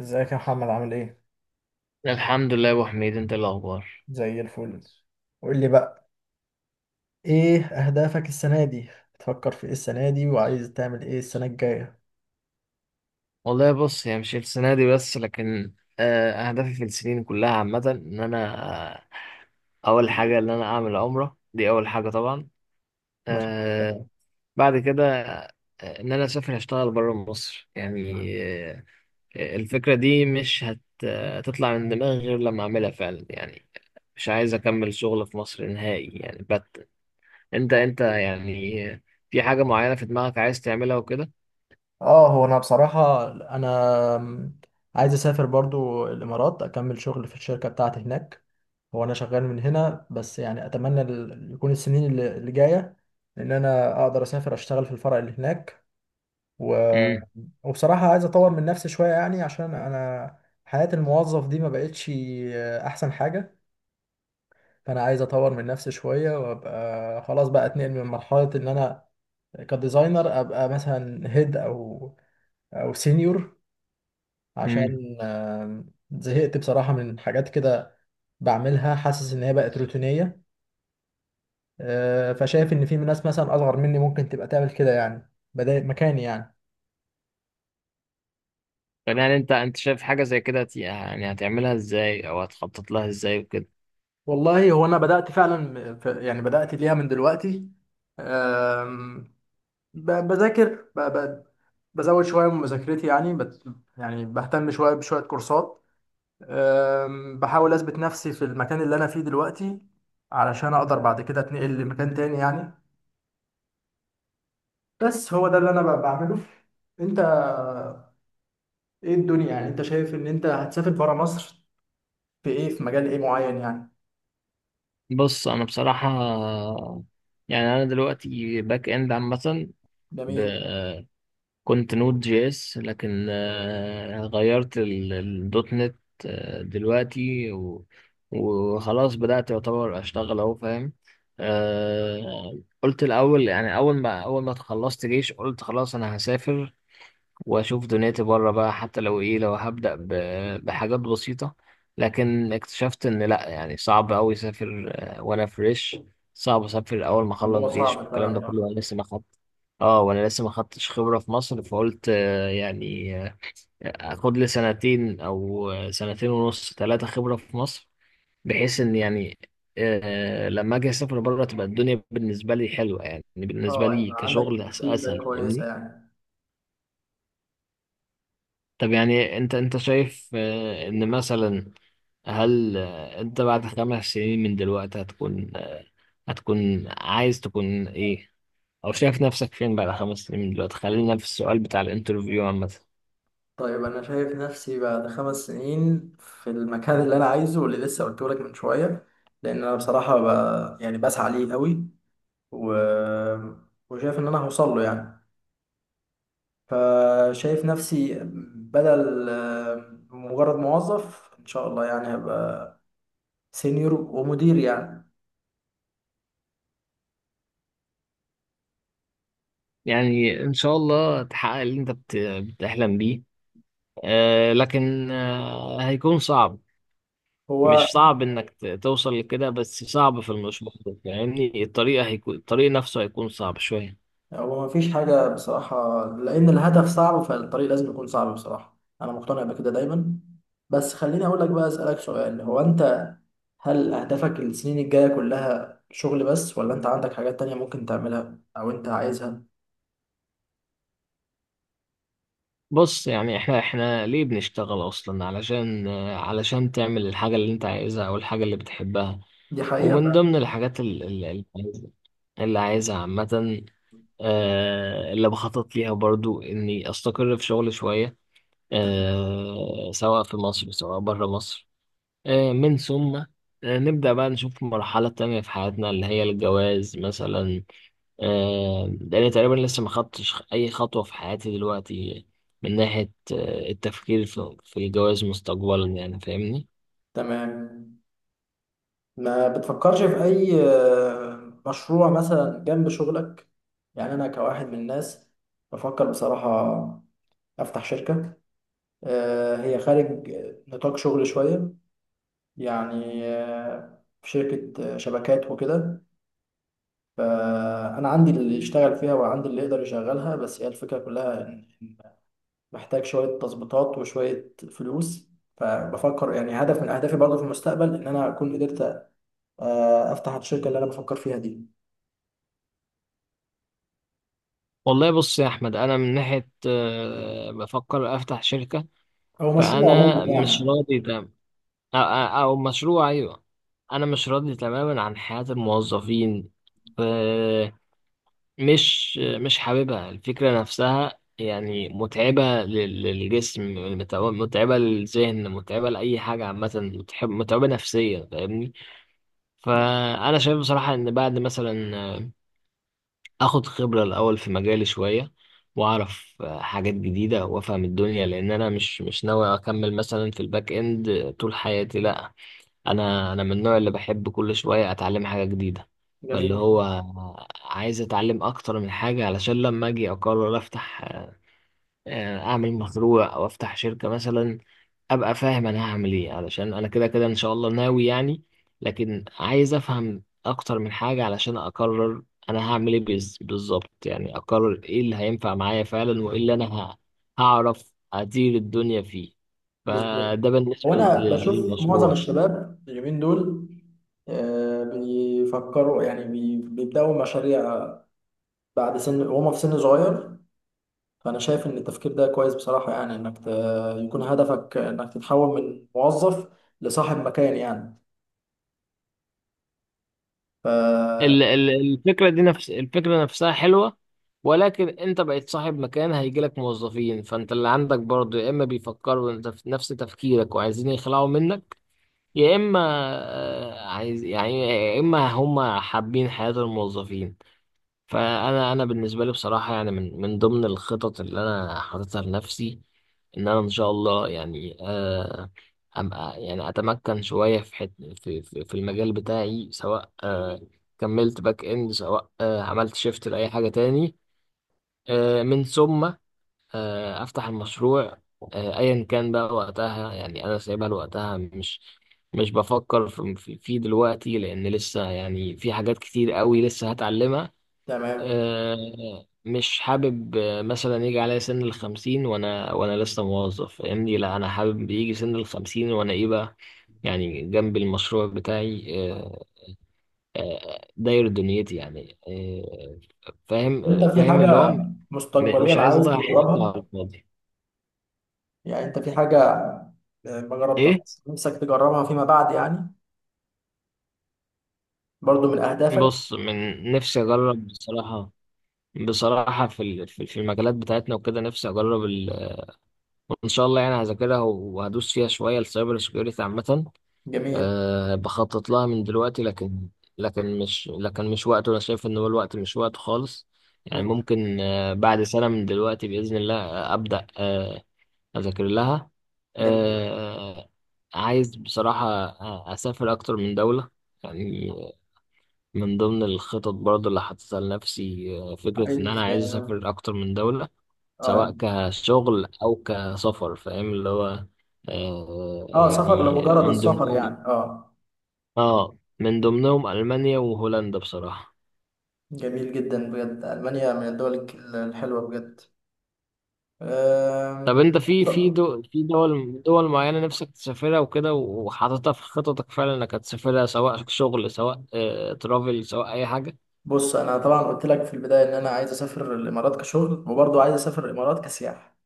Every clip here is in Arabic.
ازيك يا محمد؟ عامل ايه؟ الحمد لله يا ابو حميد، انت إيه الاخبار؟ زي الفل. قول لي بقى، ايه اهدافك السنة دي؟ تفكر في ايه السنة دي وعايز تعمل ايه السنة الجاية؟ والله بص، هي مش السنه دي بس، لكن اهدافي في السنين كلها عامه ان انا آه، اول حاجه ان انا اعمل عمره، دي اول حاجه طبعا. ماشي. آه، بعد كده، ان انا اسافر اشتغل بره مصر يعني. آه، الفكره دي مش هتطلع من دماغي غير لما اعملها فعلا يعني. مش عايز اكمل شغل في مصر نهائي يعني انت يعني في حاجه معينه في دماغك عايز تعملها وكده؟ اه، هو انا بصراحة، انا عايز اسافر برضو الامارات، اكمل شغل في الشركة بتاعتي هناك. هو انا شغال من هنا بس، يعني اتمنى يكون السنين اللي جاية ان انا اقدر اسافر اشتغل في الفرع اللي هناك. و... امم. وبصراحة عايز اطور من نفسي شوية، يعني عشان انا حياة الموظف دي ما بقتش احسن حاجة. فانا عايز اطور من نفسي شويه وابقى خلاص بقى اتنقل من مرحله ان انا كديزاينر ابقى مثلا هيد او سينيور، عشان زهقت بصراحه من حاجات كده بعملها، حاسس ان هي بقت روتينيه. فشايف ان في ناس مثلا اصغر مني ممكن تبقى تعمل كده، يعني بدأ مكاني يعني. طب يعني انت شايف حاجة زي كده يعني هتعملها ازاي او هتخطط لها ازاي وكده؟ والله هو انا بدأت فعلا، يعني بدأت ليها من دلوقتي. آم، ب- بذاكر ب- ب- بزود شوية من مذاكرتي، يعني يعني بهتم شوية بشوية كورسات. بحاول أثبت نفسي في المكان اللي أنا فيه دلوقتي، علشان أقدر بعد كده أتنقل لمكان تاني يعني. بس هو ده اللي أنا بعمله. أنت، إيه الدنيا؟ يعني أنت شايف إن أنت هتسافر برا مصر في إيه، في مجال إيه معين يعني؟ بص، انا بصراحة يعني انا دلوقتي باك اند عامة. ب... جميل. كنت نود جي اس، لكن غيرت الدوت نت دلوقتي وخلاص بدأت يعتبر اشتغل اهو، فاهم. قلت الاول، يعني اول ما خلصت جيش قلت خلاص انا هسافر واشوف دنيتي بره بقى، حتى لو ايه، لو هبدأ بحاجات بسيطة. لكن اكتشفت ان لا، يعني صعب اوي اسافر وانا فريش. صعب اسافر اول ما اخلص الموضوع جيش صعب والكلام ده كله فعلا. وانا لسه ما خدت. اه وانا لسه ما خدتش خبرة في مصر، فقلت يعني اخد لي سنتين او سنتين ونص، ثلاثة خبرة في مصر، بحيث ان يعني لما اجي اسافر بره تبقى الدنيا بالنسبة لي حلوة، يعني بالنسبة آه، لي يبقى عندك كشغل فيدباك اسهل، كويسة فاهمني. يعني. طب يعني انت شايف ان مثلا، هل انت بعد 5 سنين من دلوقتي هتكون عايز تكون ايه، او شايف نفسك فين بعد 5 سنين من دلوقتي؟ خلينا في السؤال بتاع الانترفيو عامة. طيب انا شايف نفسي بعد 5 سنين في المكان اللي انا عايزه، واللي لسه قلته لك من شويه، لان انا بصراحه يعني بسعى ليه قوي. و... وشايف ان انا هوصل له يعني. فشايف نفسي بدل مجرد موظف، ان شاء الله يعني هبقى سينيور ومدير يعني. يعني ان شاء الله تحقق اللي انت بتحلم بيه. لكن هيكون صعب. هو مش صعب انك توصل لكده، بس صعب في المشوار، فاهمني. الطريق نفسه هيكون صعب شوية. هو مفيش حاجة بصراحة، لأن الهدف صعب فالطريق لازم يكون صعب. بصراحة أنا مقتنع بكده دايما. بس خليني أقول لك بقى، أسألك سؤال. هو أنت، هل أهدافك السنين الجاية كلها شغل بس، ولا أنت عندك حاجات تانية ممكن تعملها أو أنت عايزها؟ بص، يعني احنا ليه بنشتغل اصلا؟ علشان تعمل الحاجة اللي انت عايزها او الحاجة اللي بتحبها. دي حقيقة ومن ضمن فعلا. الحاجات اللي عايزها عامة، اللي بخطط ليها برضو اني استقر في شغل شوية، سواء في مصر سواء بره مصر. من ثم نبدأ بقى نشوف مرحلة تانية في حياتنا، اللي هي الجواز مثلا، لأن تقريبا لسه ما خدتش أي خطوة في حياتي دلوقتي من ناحية التفكير في الجواز مستقبلا، يعني فاهمني. تمام. ما بتفكرش في أي مشروع مثلا جنب شغلك؟ يعني أنا كواحد من الناس بفكر بصراحة أفتح شركة. هي خارج نطاق شغل شوية، يعني في شركة شبكات وكده. فأنا عندي اللي يشتغل فيها، وعندي اللي يقدر يشغلها، بس هي الفكرة كلها إن محتاج شوية تظبيطات وشوية فلوس. فبفكر يعني هدف من أهدافي برضه في المستقبل، إن أنا أكون قدرت أفتح الشركة اللي أنا بفكر فيها دي، والله بص يا أحمد، أنا من ناحية بفكر أفتح شركة. أو مشروع عموما فأنا مش يعني. راضي تمام، أو, أو مشروع. أيوه، أنا مش راضي تماما عن حياة الموظفين. مش حاببها. الفكرة نفسها يعني متعبة للجسم، متعبة للذهن، متعبة لأي حاجة عامة، متعبة نفسيا، فاهمني. فأنا شايف بصراحة إن بعد مثلا آخد خبرة الأول في مجالي شوية، وأعرف حاجات جديدة وأفهم الدنيا، لأن أنا مش ناوي أكمل مثلا في الباك إند طول حياتي، لأ. انا من النوع اللي بحب كل شويه اتعلم حاجه جديده. فاللي جميل. هو عايز اتعلم اكتر من حاجه علشان لما اجي اقرر افتح، اعمل مشروع او افتح شركه مثلا، ابقى فاهم انا هعمل ايه، علشان انا كده كده ان شاء الله ناوي يعني. لكن عايز افهم اكتر من حاجه علشان اقرر انا هعمل ايه بالظبط، يعني اقرر ايه اللي هينفع معايا فعلا، وايه اللي انا هعرف ادير الدنيا فيه. بالظبط. فده هو بالنسبه أنا بشوف معظم للمشروع. الشباب اليومين دول بيفكروا، يعني بيبدأوا مشاريع بعد سن، وهم في سن صغير. فأنا شايف إن التفكير ده كويس بصراحة، يعني إنك يكون هدفك إنك تتحول من موظف لصاحب مكان يعني. ف الفكرة دي، نفس الفكرة نفسها حلوة، ولكن انت بقيت صاحب مكان، هيجيلك موظفين، فانت اللي عندك برضه يا اما بيفكروا انت في نفس تفكيرك وعايزين يخلعوا منك، يا اما عايز يعني، يا اما هم حابين حياة الموظفين. فانا بالنسبه لي بصراحه يعني من ضمن الخطط اللي انا حاططها لنفسي، ان انا ان شاء الله يعني أبقى، يعني اتمكن شويه في حت في في في المجال بتاعي، سواء كملت باك اند، سواء عملت شيفت لاي حاجه تاني. من ثم افتح المشروع، ايا كان بقى وقتها. يعني انا سايبها لوقتها، مش بفكر في دلوقتي، لان لسه يعني في حاجات كتير قوي لسه هتعلمها. تمام. مش حابب مثلا يجي عليا سن الخمسين وانا لسه موظف، فاهمني. لا، انا حابب يجي سن الخمسين وانا ايه بقى؟ يعني جنب المشروع بتاعي داير دنيتي يعني أنت فاهم، في اللي هو حاجة مش مستقبليا عايز عايز اضيع حياتي تجربها؟ على الفاضي. يعني أنت في حاجة ما ايه، جربتهاش نفسك تجربها فيما بعد يعني، برضو من أهدافك؟ بص، من نفسي اجرب بصراحة. بصراحة في في المجالات بتاعتنا وكده، نفسي اجرب. وان شاء الله يعني هذاكرها وهدوس فيها شوية، السايبر سكيورتي عامة. جميل. أه، بخطط لها من دلوقتي، لكن مش وقته. انا شايف ان هو الوقت مش وقته خالص. يعني مم. ممكن بعد سنة من دلوقتي بإذن الله أبدأ أذاكر لها. جميل. أه، عايز بصراحة أسافر أكتر من دولة، يعني من ضمن الخطط برضه اللي حاططها لنفسي، فكرة إن أنا عايز. عايز أسافر أكتر من دولة، اه. سواء كشغل أو كسفر، فاهم اللي هو اه، سفر يعني لمجرد من السفر ضمنهم يعني، اه. اه من ضمنهم ألمانيا وهولندا بصراحة. جميل جدا بجد، ألمانيا من الدول الحلوة بجد. طب آم، انت في دول معينة نفسك تسافرها وكده، وحاططها في خططك فعلا انك هتسافرها، سواء شغل، سواء ترافل، سواء اي حاجة؟ بص انا طبعا قلت لك في البدايه ان انا عايز اسافر الامارات كشغل، وبرضه عايز اسافر الامارات كسياحه.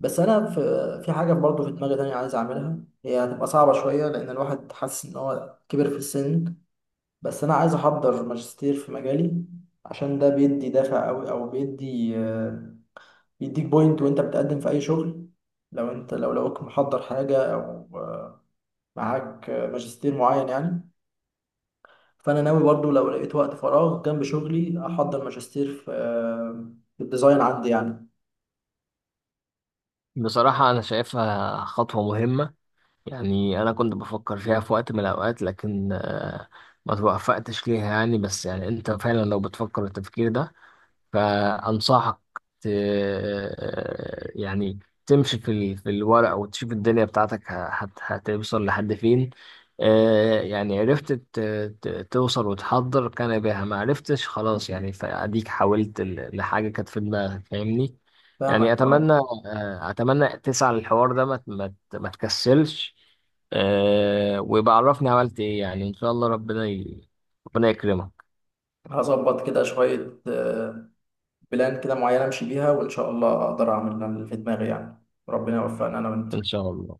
بس انا في حاجه برضه في دماغي تانية عايز اعملها. هي هتبقى صعبه شويه، لان الواحد حاسس ان هو كبر في السن. بس انا عايز احضر ماجستير في مجالي، عشان ده بيدي دافع قوي، او بيدي بيديك بوينت وانت بتقدم في اي شغل. لو لقوك محضر حاجه، او آه، معاك ماجستير معين يعني. فانا ناوي برضو لو لقيت وقت فراغ جنب شغلي احضر ماجستير في الديزاين عندي يعني. بصراحة انا شايفها خطوة مهمة. يعني انا كنت بفكر فيها في وقت من الاوقات، لكن ما توفقتش ليها يعني. بس يعني انت فعلا لو بتفكر التفكير ده، فأنصحك ت... يعني تمشي في الورق وتشوف الدنيا بتاعتك هتوصل لحد فين. يعني عرفت توصل وتحضر كان بها، ما عرفتش خلاص يعني، فأديك حاولت لحاجة كانت في دماغك، فاهمني. فاهمك، يعني اه. أتمنى أتمنى تسعى للحوار ده، ما تكسلش. ويبقى عرفني عملت إيه، يعني إن شاء الله ربنا يكرمك، هظبط كده شوية، بلان كده معينة امشي بيها، وان شاء الله اقدر اعمل اللي في دماغي يعني، ربنا يوفقنا انا وانت. إن شاء الله.